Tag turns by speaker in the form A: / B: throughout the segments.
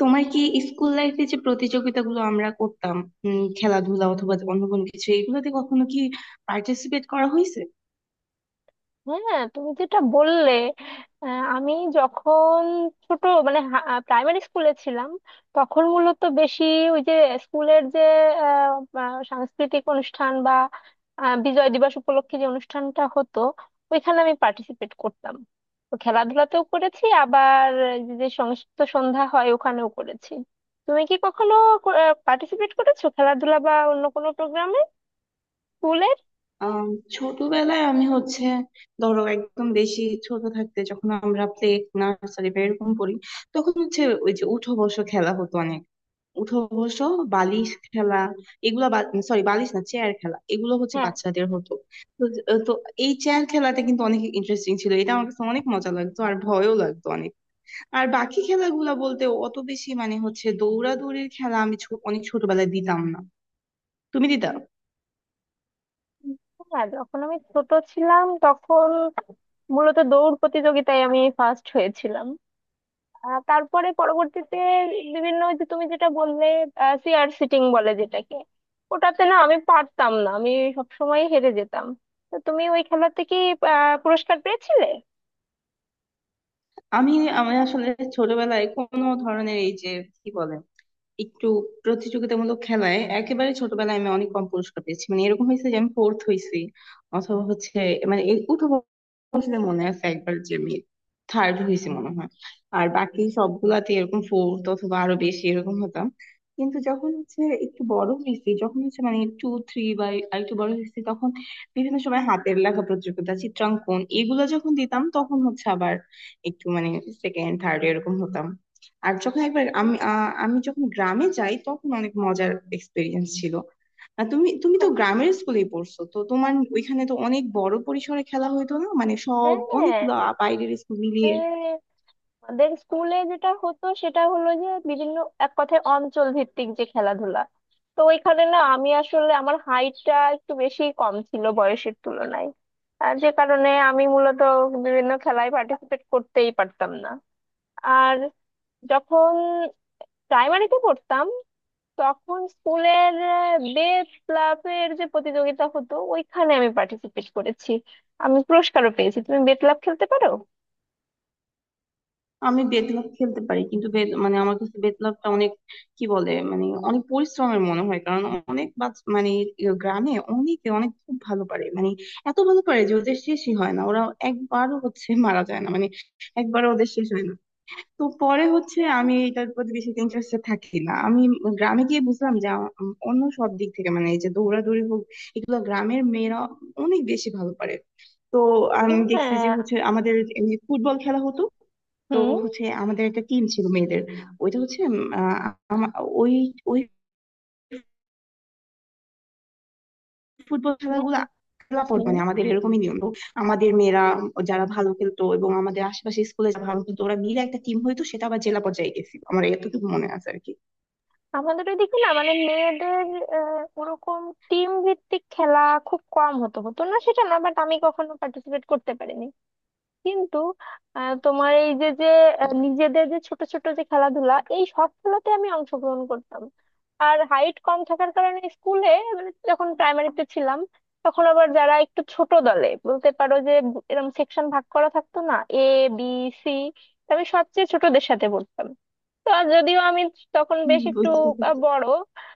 A: তোমার কি স্কুল লাইফে যে প্রতিযোগিতাগুলো আমরা করতাম, খেলাধুলা অথবা অন্য কোনো কিছু, এগুলোতে কখনো কি পার্টিসিপেট করা হয়েছে?
B: হ্যাঁ, তুমি যেটা বললে। আমি যখন ছোট, মানে প্রাইমারি স্কুলে ছিলাম, তখন মূলত বেশি ওই যে স্কুলের যে আহ, আহ, সাংস্কৃতিক অনুষ্ঠান বা বিজয় দিবস উপলক্ষে যে অনুষ্ঠানটা হতো ওইখানে আমি পার্টিসিপেট করতাম। তো খেলাধুলাতেও করেছি, আবার যে যে সংস্কৃত সন্ধ্যা হয় ওখানেও করেছি। তুমি কি কখনো পার্টিসিপেট করেছো খেলাধুলা বা অন্য কোনো প্রোগ্রামে, স্কুলের?
A: আম, ছোটবেলায় আমি হচ্ছে ধরো একদম বেশি ছোট থাকতে, যখন আমরা প্লে নার্সারি বা এরকম পড়ি, তখন হচ্ছে ওই যে উঠো বসো খেলা হতো অনেক। উঠো বসো, বালিশ খেলা, এগুলো। সরি, বালিশ না চেয়ার খেলা, এগুলো হচ্ছে
B: হ্যাঁ,
A: বাচ্চাদের হতো। তো তো এই চেয়ার খেলাটা কিন্তু অনেক ইন্টারেস্টিং ছিল, এটা আমার কাছে অনেক মজা লাগতো আর ভয়ও লাগতো অনেক। আর বাকি খেলাগুলা বলতে অত বেশি মানে হচ্ছে দৌড়াদৌড়ির খেলা, আমি অনেক ছোটবেলায় দিতাম না। তুমি দিতা?
B: হ্যাঁ, যখন আমি ছোট ছিলাম তখন মূলত দৌড় প্রতিযোগিতায় আমি ফার্স্ট হয়েছিলাম। তারপরে পরবর্তীতে বিভিন্ন ওই যে তুমি যেটা বললে চেয়ার সিটিং বলে যেটাকে, ওটাতে না আমি পারতাম না, আমি সবসময় হেরে যেতাম। তো তুমি ওই খেলাতে কি পুরস্কার পেয়েছিলে?
A: আমি আমি আসলে ছোটবেলায় কোনো ধরনের এই যে কি বলে একটু প্রতিযোগিতামূলক খেলায় একেবারে ছোটবেলায় আমি অনেক কম পুরস্কার পেয়েছি, মানে এরকম হয়েছে যে আমি ফোর্থ হয়েছি। অথবা হচ্ছে মানে এই উঠো, আসলে মনে আছে একবার যে আমি থার্ড হয়েছি মনে হয়। আর বাকি সবগুলাতে এরকম ফোর্থ অথবা আরো বেশি এরকম হতাম। কিন্তু যখন হচ্ছে একটু বড় হয়েছি, যখন হচ্ছে মানে টু থ্রি বা একটু বড় হয়েছি, তখন বিভিন্ন সময় হাতের লেখা প্রতিযোগিতা, চিত্রাঙ্কন, এগুলো যখন দিতাম তখন হচ্ছে আবার একটু মানে সেকেন্ড থার্ড এরকম হতাম। আর যখন একবার আমি যখন গ্রামে যাই তখন অনেক মজার এক্সপিরিয়েন্স ছিল। আর তুমি তুমি তো
B: হ্যাঁ,
A: গ্রামের স্কুলেই পড়ছো, তো তোমার ওইখানে তো অনেক বড় পরিসরে খেলা হইতো না, মানে সব
B: হ্যাঁ,
A: অনেকগুলো বাইরের স্কুল মিলিয়ে।
B: হ্যাঁ। আমাদের স্কুলে যেটা হতো সেটা হলো যে বিভিন্ন, এক কথায় অঞ্চল ভিত্তিক যে খেলাধুলা, তো ওইখানে না আমি আসলে আমার হাইটটা একটু বেশি কম ছিল বয়সের তুলনায়। আর যে কারণে আমি মূলত বিভিন্ন খেলায় পার্টিসিপেট করতেই পারতাম না। আর যখন প্রাইমারিতে পড়তাম তখন স্কুলের বেস ক্লাবের যে প্রতিযোগিতা হতো ওইখানে আমি পার্টিসিপেট করেছি, আমি পুরস্কারও পেয়েছি। তুমি বেত ক্লাব খেলতে পারো?
A: আমি বেতলাভ খেলতে পারি, কিন্তু মানে আমার কাছে বেতলাভটা অনেক কি বলে মানে অনেক পরিশ্রমের মনে হয়, কারণ অনেক মানে গ্রামে অনেকে অনেক খুব ভালো পারে, মানে এত ভালো পারে যে ওদের শেষই হয় না, ওরা একবারও হচ্ছে মারা যায় না, মানে একবারও ওদের শেষ হয় না। তো পরে হচ্ছে আমি এটার প্রতি বেশি ইন্টারেস্টেড থাকি না। আমি গ্রামে গিয়ে বুঝলাম যে আ- উম অন্য সব দিক থেকে মানে এই যে দৌড়াদৌড়ি হোক, এগুলো গ্রামের মেয়েরা অনেক বেশি ভালো পারে। তো আমি দেখছি যে
B: হ্যাঁ,
A: হচ্ছে আমাদের এমনি ফুটবল খেলা হতো। তো
B: হুম,
A: হচ্ছে আমাদের একটা টিম ছিল মেয়েদের। ওইটা হচ্ছে উম, আহ, আমা- ওই ওই ফুটবল
B: হ্যাঁ,
A: খেলাগুলো খেলা পর
B: হুম।
A: মানে আমাদের এরকমই নিয়ম তো। আমাদের মেয়েরা যারা ভালো খেলতো এবং আমাদের আশেপাশে স্কুলে যারা ভালো খেলতো ওরা মিলে একটা টিম হইতো, সেটা আবার জেলা পর্যায়ে গেছিল, আমার এতটুকু মনে আছে আর কি।
B: আমাদের ওইদিকে না মানে মেয়েদের ওরকম টিম ভিত্তিক খেলা খুব কম হতো, হতো না সেটা না, বাট আমি কখনো পার্টিসিপেট করতে পারিনি। কিন্তু তোমার এই যে যে নিজেদের যে ছোট ছোট যে খেলাধুলা এই সব খেলাতে আমি অংশগ্রহণ করতাম। আর হাইট কম থাকার কারণে স্কুলে, মানে যখন প্রাইমারিতে ছিলাম তখন আবার যারা একটু ছোট দলে বলতে পারো যে, এরকম সেকশন ভাগ করা থাকতো, না এ, বি, সি, আমি সবচেয়ে ছোটদের সাথে পড়তাম। তো আর যদিও আমি তখন
A: হুম,
B: বেশ একটু
A: বুঝতে পেরেছি।
B: বড়,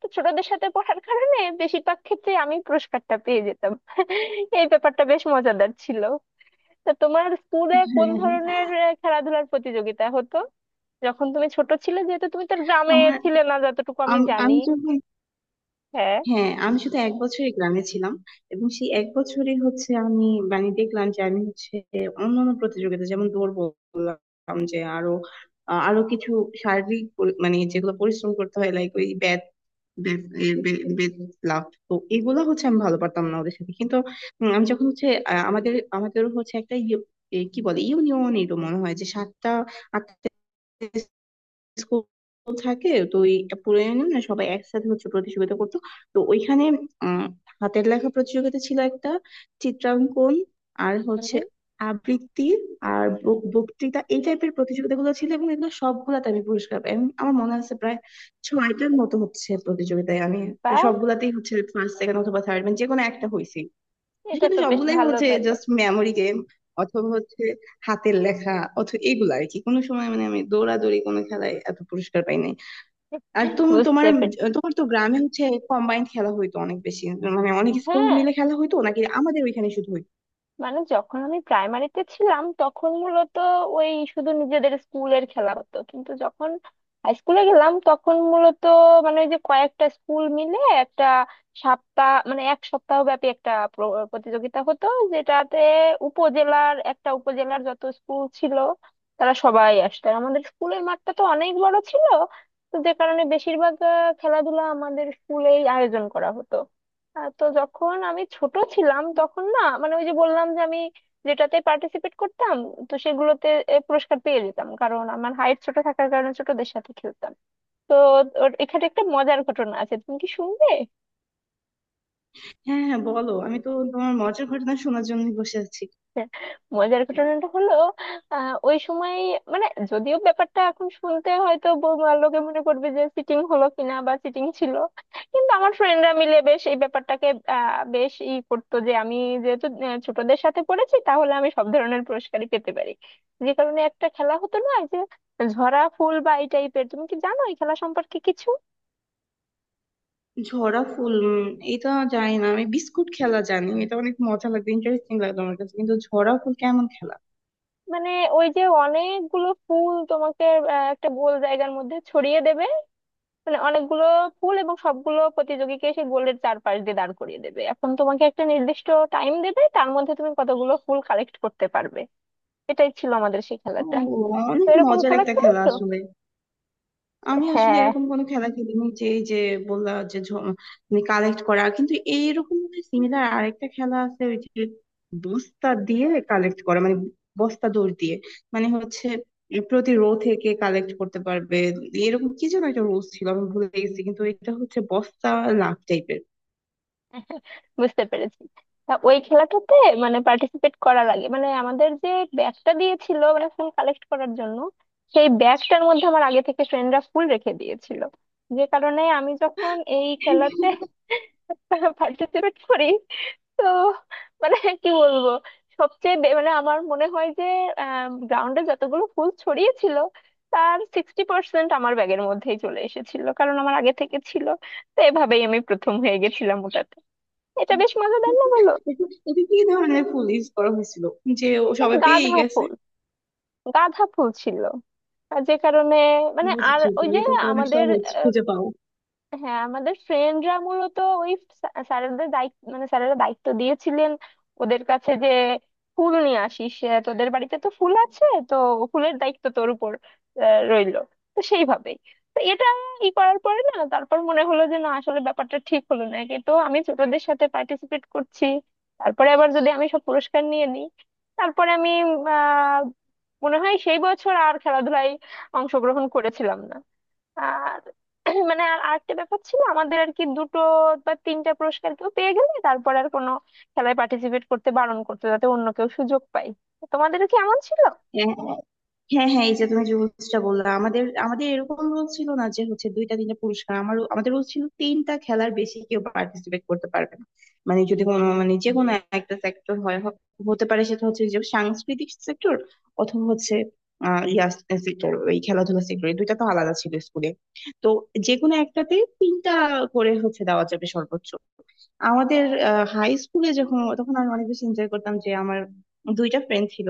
B: তো ছোটদের সাথে পড়ার কারণে বেশিরভাগ ক্ষেত্রে আমি পুরস্কারটা পেয়ে যেতাম এই ব্যাপারটা বেশ মজাদার ছিল। তা তোমার স্কুলে কোন
A: হ্যাঁ, হ্যাঁ।
B: ধরনের খেলাধুলার প্রতিযোগিতা হতো যখন তুমি ছোট ছিলে, যেহেতু তুমি তো গ্রামে
A: আমার
B: ছিলে না যতটুকু আমি জানি।
A: আমি যখন,
B: হ্যাঁ,
A: হ্যাঁ, আমি শুধু এক বছরই গ্রামে ছিলাম, এবং সেই এক বছরই হচ্ছে আমি, মানে দেখলাম যে আমি হচ্ছে অন্যান্য প্রতিযোগিতা যেমন দৌড় বললাম, যে আরো কিছু শারীরিক মানে যেগুলো পরিশ্রম করতে হয়, লাইক ওই ব্যাট, বেত লাফ, তো এগুলো হচ্ছে আমি ভালো পারতাম না ওদের সাথে। কিন্তু আমি যখন হচ্ছে আমাদের আমাদের হচ্ছে একটা কি বলে ইউনিয়ন এরকম মনে হয় যে সাতটা আটটা স্কুল থাকে, তো ওই পুরানো না, সবাই একসাথে হচ্ছে প্রতিযোগিতা করতো। তো ওইখানে উম হাতের লেখা প্রতিযোগিতা ছিল একটা, চিত্রাঙ্কন, আর হচ্ছে আবৃত্তি, আর বক্তৃতা এই টাইপের প্রতিযোগিতাগুলো ছিল, এবং এগুলো সবগুলাতে আমি পুরস্কার পাই, এবং আমার মনে আছে প্রায় ছয়টার মতো হচ্ছে প্রতিযোগিতায় আমি
B: বা,
A: সবগুলাতেই হচ্ছে ফার্স্ট সেকেন্ড অথবা থার্ড মানে যে কোনো একটা হয়েছি।
B: এটা
A: কিন্তু
B: তো বেশ
A: সবগুলাই
B: ভালো
A: হচ্ছে
B: ব্যাপার।
A: জাস্ট মেমোরি গেম অথবা হচ্ছে হাতের লেখা অথবা এগুলো আর কি। কোনো সময় মানে আমি দৌড়াদৌড়ি কোনো খেলায় এত পুরস্কার পাই নাই। আর তুমি, তোমার
B: বুঝতে পেরেছি।
A: তোমার তো গ্রামে হচ্ছে কম্বাইন্ড খেলা হইতো অনেক বেশি, মানে অনেক স্কুল
B: হ্যাঁ,
A: মিলে খেলা হইতো নাকি আমাদের ওইখানে শুধু হইতো?
B: মানে যখন আমি প্রাইমারিতে ছিলাম তখন মূলত ওই শুধু নিজেদের স্কুলের খেলা হতো, কিন্তু যখন হাই স্কুলে গেলাম তখন মূলত, মানে ওই যে কয়েকটা স্কুল মিলে একটা সপ্তাহ, মানে এক সপ্তাহ ব্যাপী একটা প্রতিযোগিতা হতো, যেটাতে উপজেলার যত স্কুল ছিল তারা সবাই আসতো। আর আমাদের স্কুলের মাঠটা তো অনেক বড় ছিল, তো যে কারণে বেশিরভাগ খেলাধুলা আমাদের স্কুলেই আয়োজন করা হতো। তো যখন আমি ছোট ছিলাম তখন না, মানে ওই যে বললাম যে আমি যেটাতে পার্টিসিপেট করতাম তো সেগুলোতে পুরস্কার পেয়ে যেতাম কারণ আমার হাইট ছোট থাকার কারণে ছোটদের সাথে খেলতাম। তো এখানে একটা মজার ঘটনা আছে, তুমি কি শুনবে?
A: হ্যাঁ, হ্যাঁ, বলো, আমি তো তোমার মজার ঘটনা শোনার জন্য বসে আছি।
B: মজার ঘটনাটা হলো, ওই সময়, মানে যদিও ব্যাপারটা এখন শুনতে হয়তো লোকে মনে করবে যে চিটিং হলো কিনা বা চিটিং ছিল, কিন্তু আমার ফ্রেন্ডরা মিলে বেশ এই ব্যাপারটাকে বেশ ই করতো যে আমি যেহেতু ছোটদের সাথে পড়েছি, তাহলে আমি সব ধরনের পুরস্কারই পেতে পারি। যে কারণে একটা খেলা হতো না, এই যে ঝরা ফুল বা এই টাইপের, তুমি কি জানো এই খেলা সম্পর্কে কিছু?
A: ঝরা ফুল, এটা জানি না। আমি বিস্কুট খেলা জানি, এটা অনেক মজা লাগবে, ইন্টারেস্টিং লাগবে আমার কাছে, কিন্তু ঝরা ফুল কেমন খেলা?
B: মানে ওই যে অনেকগুলো ফুল তোমাকে একটা গোল জায়গার মধ্যে ছড়িয়ে দেবে, মানে অনেকগুলো পুল, এবং সবগুলো প্রতিযোগীকে সেই গোলের চারপাশ দিয়ে দাঁড় করিয়ে দেবে। এখন তোমাকে একটা নির্দিষ্ট টাইম দেবে, তার মধ্যে তুমি কতগুলো ফুল কালেক্ট করতে পারবে। এটাই ছিল আমাদের সেই
A: ও,
B: খেলাটা। তো
A: অনেক
B: এরকম
A: মজার
B: খেলা
A: একটা খেলা
B: খেলেছো?
A: আসলে। আমি আসলে
B: হ্যাঁ,
A: এরকম কোনো খেলা খেলিনি, যে এই যে বললা যে মানে কালেক্ট করা, কিন্তু এইরকম সিমিলার আরেকটা খেলা আছে, ওই যে বস্তা দিয়ে কালেক্ট করা, মানে বস্তা দৌড় দিয়ে মানে হচ্ছে প্রতি রো থেকে কালেক্ট করতে পারবে, এরকম কি যেন একটা রুলস ছিল, আমি ভুলে গেছি, কিন্তু এটা হচ্ছে বস্তা লাভ টাইপের।
B: বুঝতে পেরেছি। তা ওই খেলাটাতে, মানে পার্টিসিপেট করার আগে, মানে আমাদের যে ব্যাগটা দিয়েছিল মানে ফুল কালেক্ট করার জন্য, সেই ব্যাগটার মধ্যে আমার আগে থেকে ফ্রেন্ডরা ফুল রেখে দিয়েছিল। যে কারণে আমি যখন এই খেলাতে পার্টিসিপেট করি, তো, মানে কি বলবো, মানে আমার মনে হয় যে গ্রাউন্ডে যতগুলো ফুল ছড়িয়েছিল তার 60% আমার ব্যাগের মধ্যেই চলে এসেছিল, কারণ আমার আগে থেকে ছিল। তো এভাবেই আমি প্রথম হয়ে গেছিলাম ওটাতে। এটা বেশ মজাদার না, বলো?
A: এটা এটা কি ধরনের পুলিশ করা হয়েছিল যে ও
B: মানে
A: সবাই
B: গাঁদা
A: পেয়ে গেছে?
B: ফুল, গাঁদা ফুল ছিল, আর যে কারণে, মানে আর
A: বুঝেছি
B: ওই
A: তুমি,
B: যে
A: এটা তো অনেক
B: আমাদের,
A: সহজ খুঁজে পাও।
B: হ্যাঁ, আমাদের ফ্রেন্ডরা মূলত ওই স্যারেদের দায়িত্ব, মানে স্যারেরা দায়িত্ব দিয়েছিলেন ওদের কাছে যে ফুল নিয়ে আসিস, তোদের বাড়িতে তো ফুল আছে, তো ফুলের দায়িত্ব তোর উপর রইলো। তো সেইভাবেই, তো এটা ই করার পরে না, তারপর মনে হলো যে না আসলে ব্যাপারটা ঠিক হলো না, কিন্তু আমি ছোটদের সাথে পার্টিসিপেট করছি, তারপরে আবার যদি আমি সব পুরস্কার নিয়ে নিই, তারপরে আমি আহ মনে হয় সেই বছর আর খেলাধুলায় অংশগ্রহণ করেছিলাম না। আর মানে আর আরেকটা ব্যাপার ছিল আমাদের আর কি, দুটো বা তিনটা পুরস্কার কেউ পেয়ে গেলে তারপর আর কোনো খেলায় পার্টিসিপেট করতে বারণ করতো, যাতে অন্য কেউ সুযোগ পায়। তোমাদেরও কি এমন ছিল?
A: হ্যাঁ, হ্যাঁ, হ্যাঁ, এই যে তুমি যে রুলসটা বললা, আমাদের আমাদের এরকম রুল ছিল না যে হচ্ছে দুইটা তিনটা পুরস্কার, আমাদের রুল ছিল তিনটা খেলার বেশি কেউ পার্টিসিপেট করতে পারবে না। মানে যদি কোনো মানে যে কোনো একটা সেক্টর হয়, হতে পারে সেটা হচ্ছে যে সাংস্কৃতিক সেক্টর অথবা হচ্ছে আহ ইয়া সেক্টর ওই খেলাধুলা সেক্টর, এই দুইটা তো আলাদা ছিল স্কুলে। তো যে কোনো একটাতে তিনটা করে হচ্ছে দেওয়া যাবে সর্বোচ্চ। আমাদের হাই স্কুলে যখন, তখন আমি অনেক বেশি এনজয় করতাম, যে আমার দুইটা ফ্রেন্ড ছিল,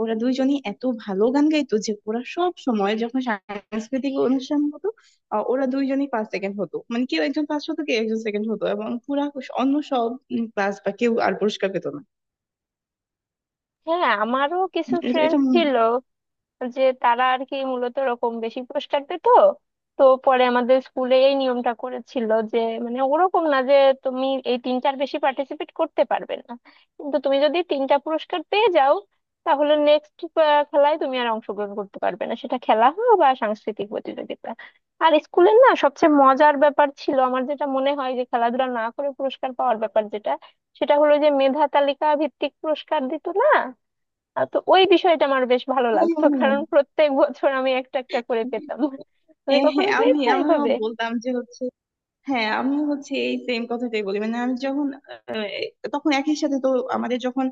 A: ওরা দুইজনই এত ভালো গান গাইতো যে ওরা সব সময় যখন সাংস্কৃতিক অনুষ্ঠান হতো, ওরা দুইজনই ফার্স্ট সেকেন্ড হতো, মানে কেউ একজন ফার্স্ট হতো কেউ একজন সেকেন্ড হতো, এবং পুরা অন্য সব ক্লাস বা কেউ আর পুরস্কার পেতো না।
B: হ্যাঁ, আমারও কিছু
A: এটা এটা
B: ফ্রেন্ড ছিল যে তারা আর কি মূলত ওরকম বেশি পুরস্কার পেত। তো পরে আমাদের স্কুলে এই নিয়মটা করেছিল যে, মানে ওরকম না যে তুমি এই তিনটার বেশি পার্টিসিপেট করতে পারবে না, কিন্তু তুমি যদি তিনটা পুরস্কার পেয়ে যাও তাহলে নেক্সট খেলায় তুমি আর অংশগ্রহণ করতে পারবে না, সেটা খেলা হোক বা সাংস্কৃতিক প্রতিযোগিতা। আর স্কুলের না সবচেয়ে মজার ব্যাপার ছিল আমার, যেটা মনে হয় যে খেলাধুলা না করে পুরস্কার পাওয়ার ব্যাপার যেটা, সেটা হলো যে মেধা তালিকা ভিত্তিক পুরস্কার দিত না। তো ওই বিষয়টা আমার বেশ ভালো
A: হ্যাঁ,
B: লাগতো,
A: হ্যাঁ,
B: কারণ প্রত্যেক বছর আমি একটা একটা করে
A: হ্যাঁ।
B: পেতাম। তুমি
A: হ্যাঁ,
B: কখনো
A: আমি
B: পেয়েছো
A: আমিও
B: এইভাবে?
A: বলতাম যে হচ্ছে, হ্যাঁ, আমি হচ্ছে এই সেম কথাটাই বলি, মানে আমি যখন আহ, তখন একই সাথে তো আমাদের যখন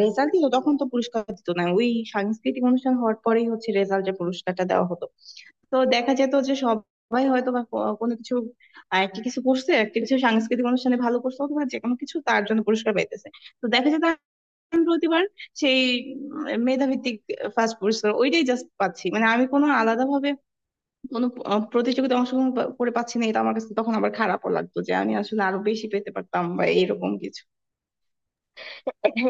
A: রেজাল্ট দিত তখন তো পুরস্কার দিত না, ওই সাংস্কৃতিক অনুষ্ঠান হওয়ার পরেই হচ্ছে রেজাল্টের পুরস্কারটা দেওয়া হতো। তো দেখা যেত যে সবাই হয়তো বা কোনো কিছু, একটা কিছু করছে, একটা কিছু সাংস্কৃতিক অনুষ্ঠানে ভালো করছে অথবা যে কোনো কিছু তার জন্য পুরস্কার পাইতেছে। তো দেখা যেত আমি প্রতিবার সেই মেধাভিত্তিক ফার্স্ট পুরস্কার ওইটাই জাস্ট পাচ্ছি, মানে আমি কোনো আলাদা ভাবে কোনো প্রতিযোগিতায় অংশগ্রহণ করে পাচ্ছি না, এটা আমার কাছে তখন আবার খারাপও লাগতো, যে আমি আসলে আরো বেশি পেতে পারতাম বা এরকম কিছু।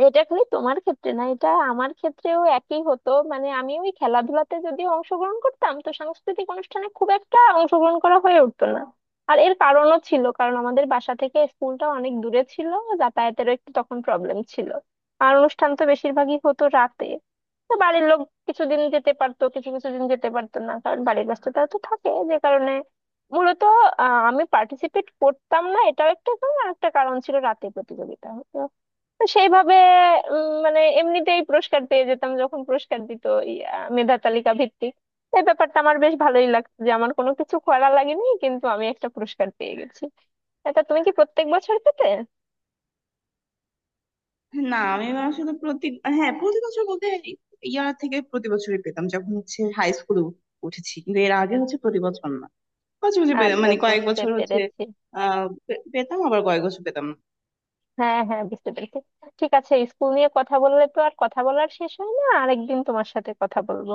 B: এটা খালি তোমার ক্ষেত্রে না, এটা আমার ক্ষেত্রেও একই হতো, মানে আমি ওই খেলাধুলাতে যদি অংশগ্রহণ করতাম তো সাংস্কৃতিক অনুষ্ঠানে খুব একটা অংশগ্রহণ করা হয়ে উঠতো না। আর এর কারণও ছিল, কারণ আমাদের বাসা থেকে স্কুলটা অনেক দূরে ছিল, যাতায়াতেরও একটু তখন প্রবলেম ছিল। আর অনুষ্ঠান তো বেশিরভাগই হতো রাতে, তো বাড়ির লোক কিছুদিন যেতে পারতো, কিছু কিছু দিন যেতে পারতো না, কারণ বাড়ির ব্যস্ততা তো থাকে। যে কারণে মূলত আমি পার্টিসিপেট করতাম না, এটাও একটা কারণ, আর একটা কারণ ছিল রাতে প্রতিযোগিতা। তো সেইভাবে মানে এমনিতেই পুরস্কার পেয়ে যেতাম যখন পুরস্কার দিত, ইয়া, মেধা তালিকা ভিত্তিক। এই ব্যাপারটা আমার বেশ ভালোই লাগতো যে আমার কোনো কিছু করা লাগেনি কিন্তু আমি একটা পুরস্কার পেয়ে গেছি। এটা তুমি কি প্রত্যেক বছর পেতে?
A: না, আমি আসলে প্রতি, হ্যাঁ, প্রতি বছর বলতে, ইয়ার থেকে প্রতি বছরই পেতাম যখন হচ্ছে হাই স্কুলে উঠেছি, কিন্তু এর আগে হচ্ছে প্রতি বছর না, মাঝে মাঝে
B: আচ্ছা,
A: মানে কয়েক
B: বুঝতে
A: বছর হচ্ছে
B: পেরেছি।
A: পেতাম, আবার কয়েক বছর পেতাম না
B: হ্যাঁ, হ্যাঁ, বুঝতে পেরেছি। ঠিক আছে, স্কুল নিয়ে কথা বললে তো আর কথা বলার শেষ হয় না, আরেকদিন তোমার সাথে কথা বলবো।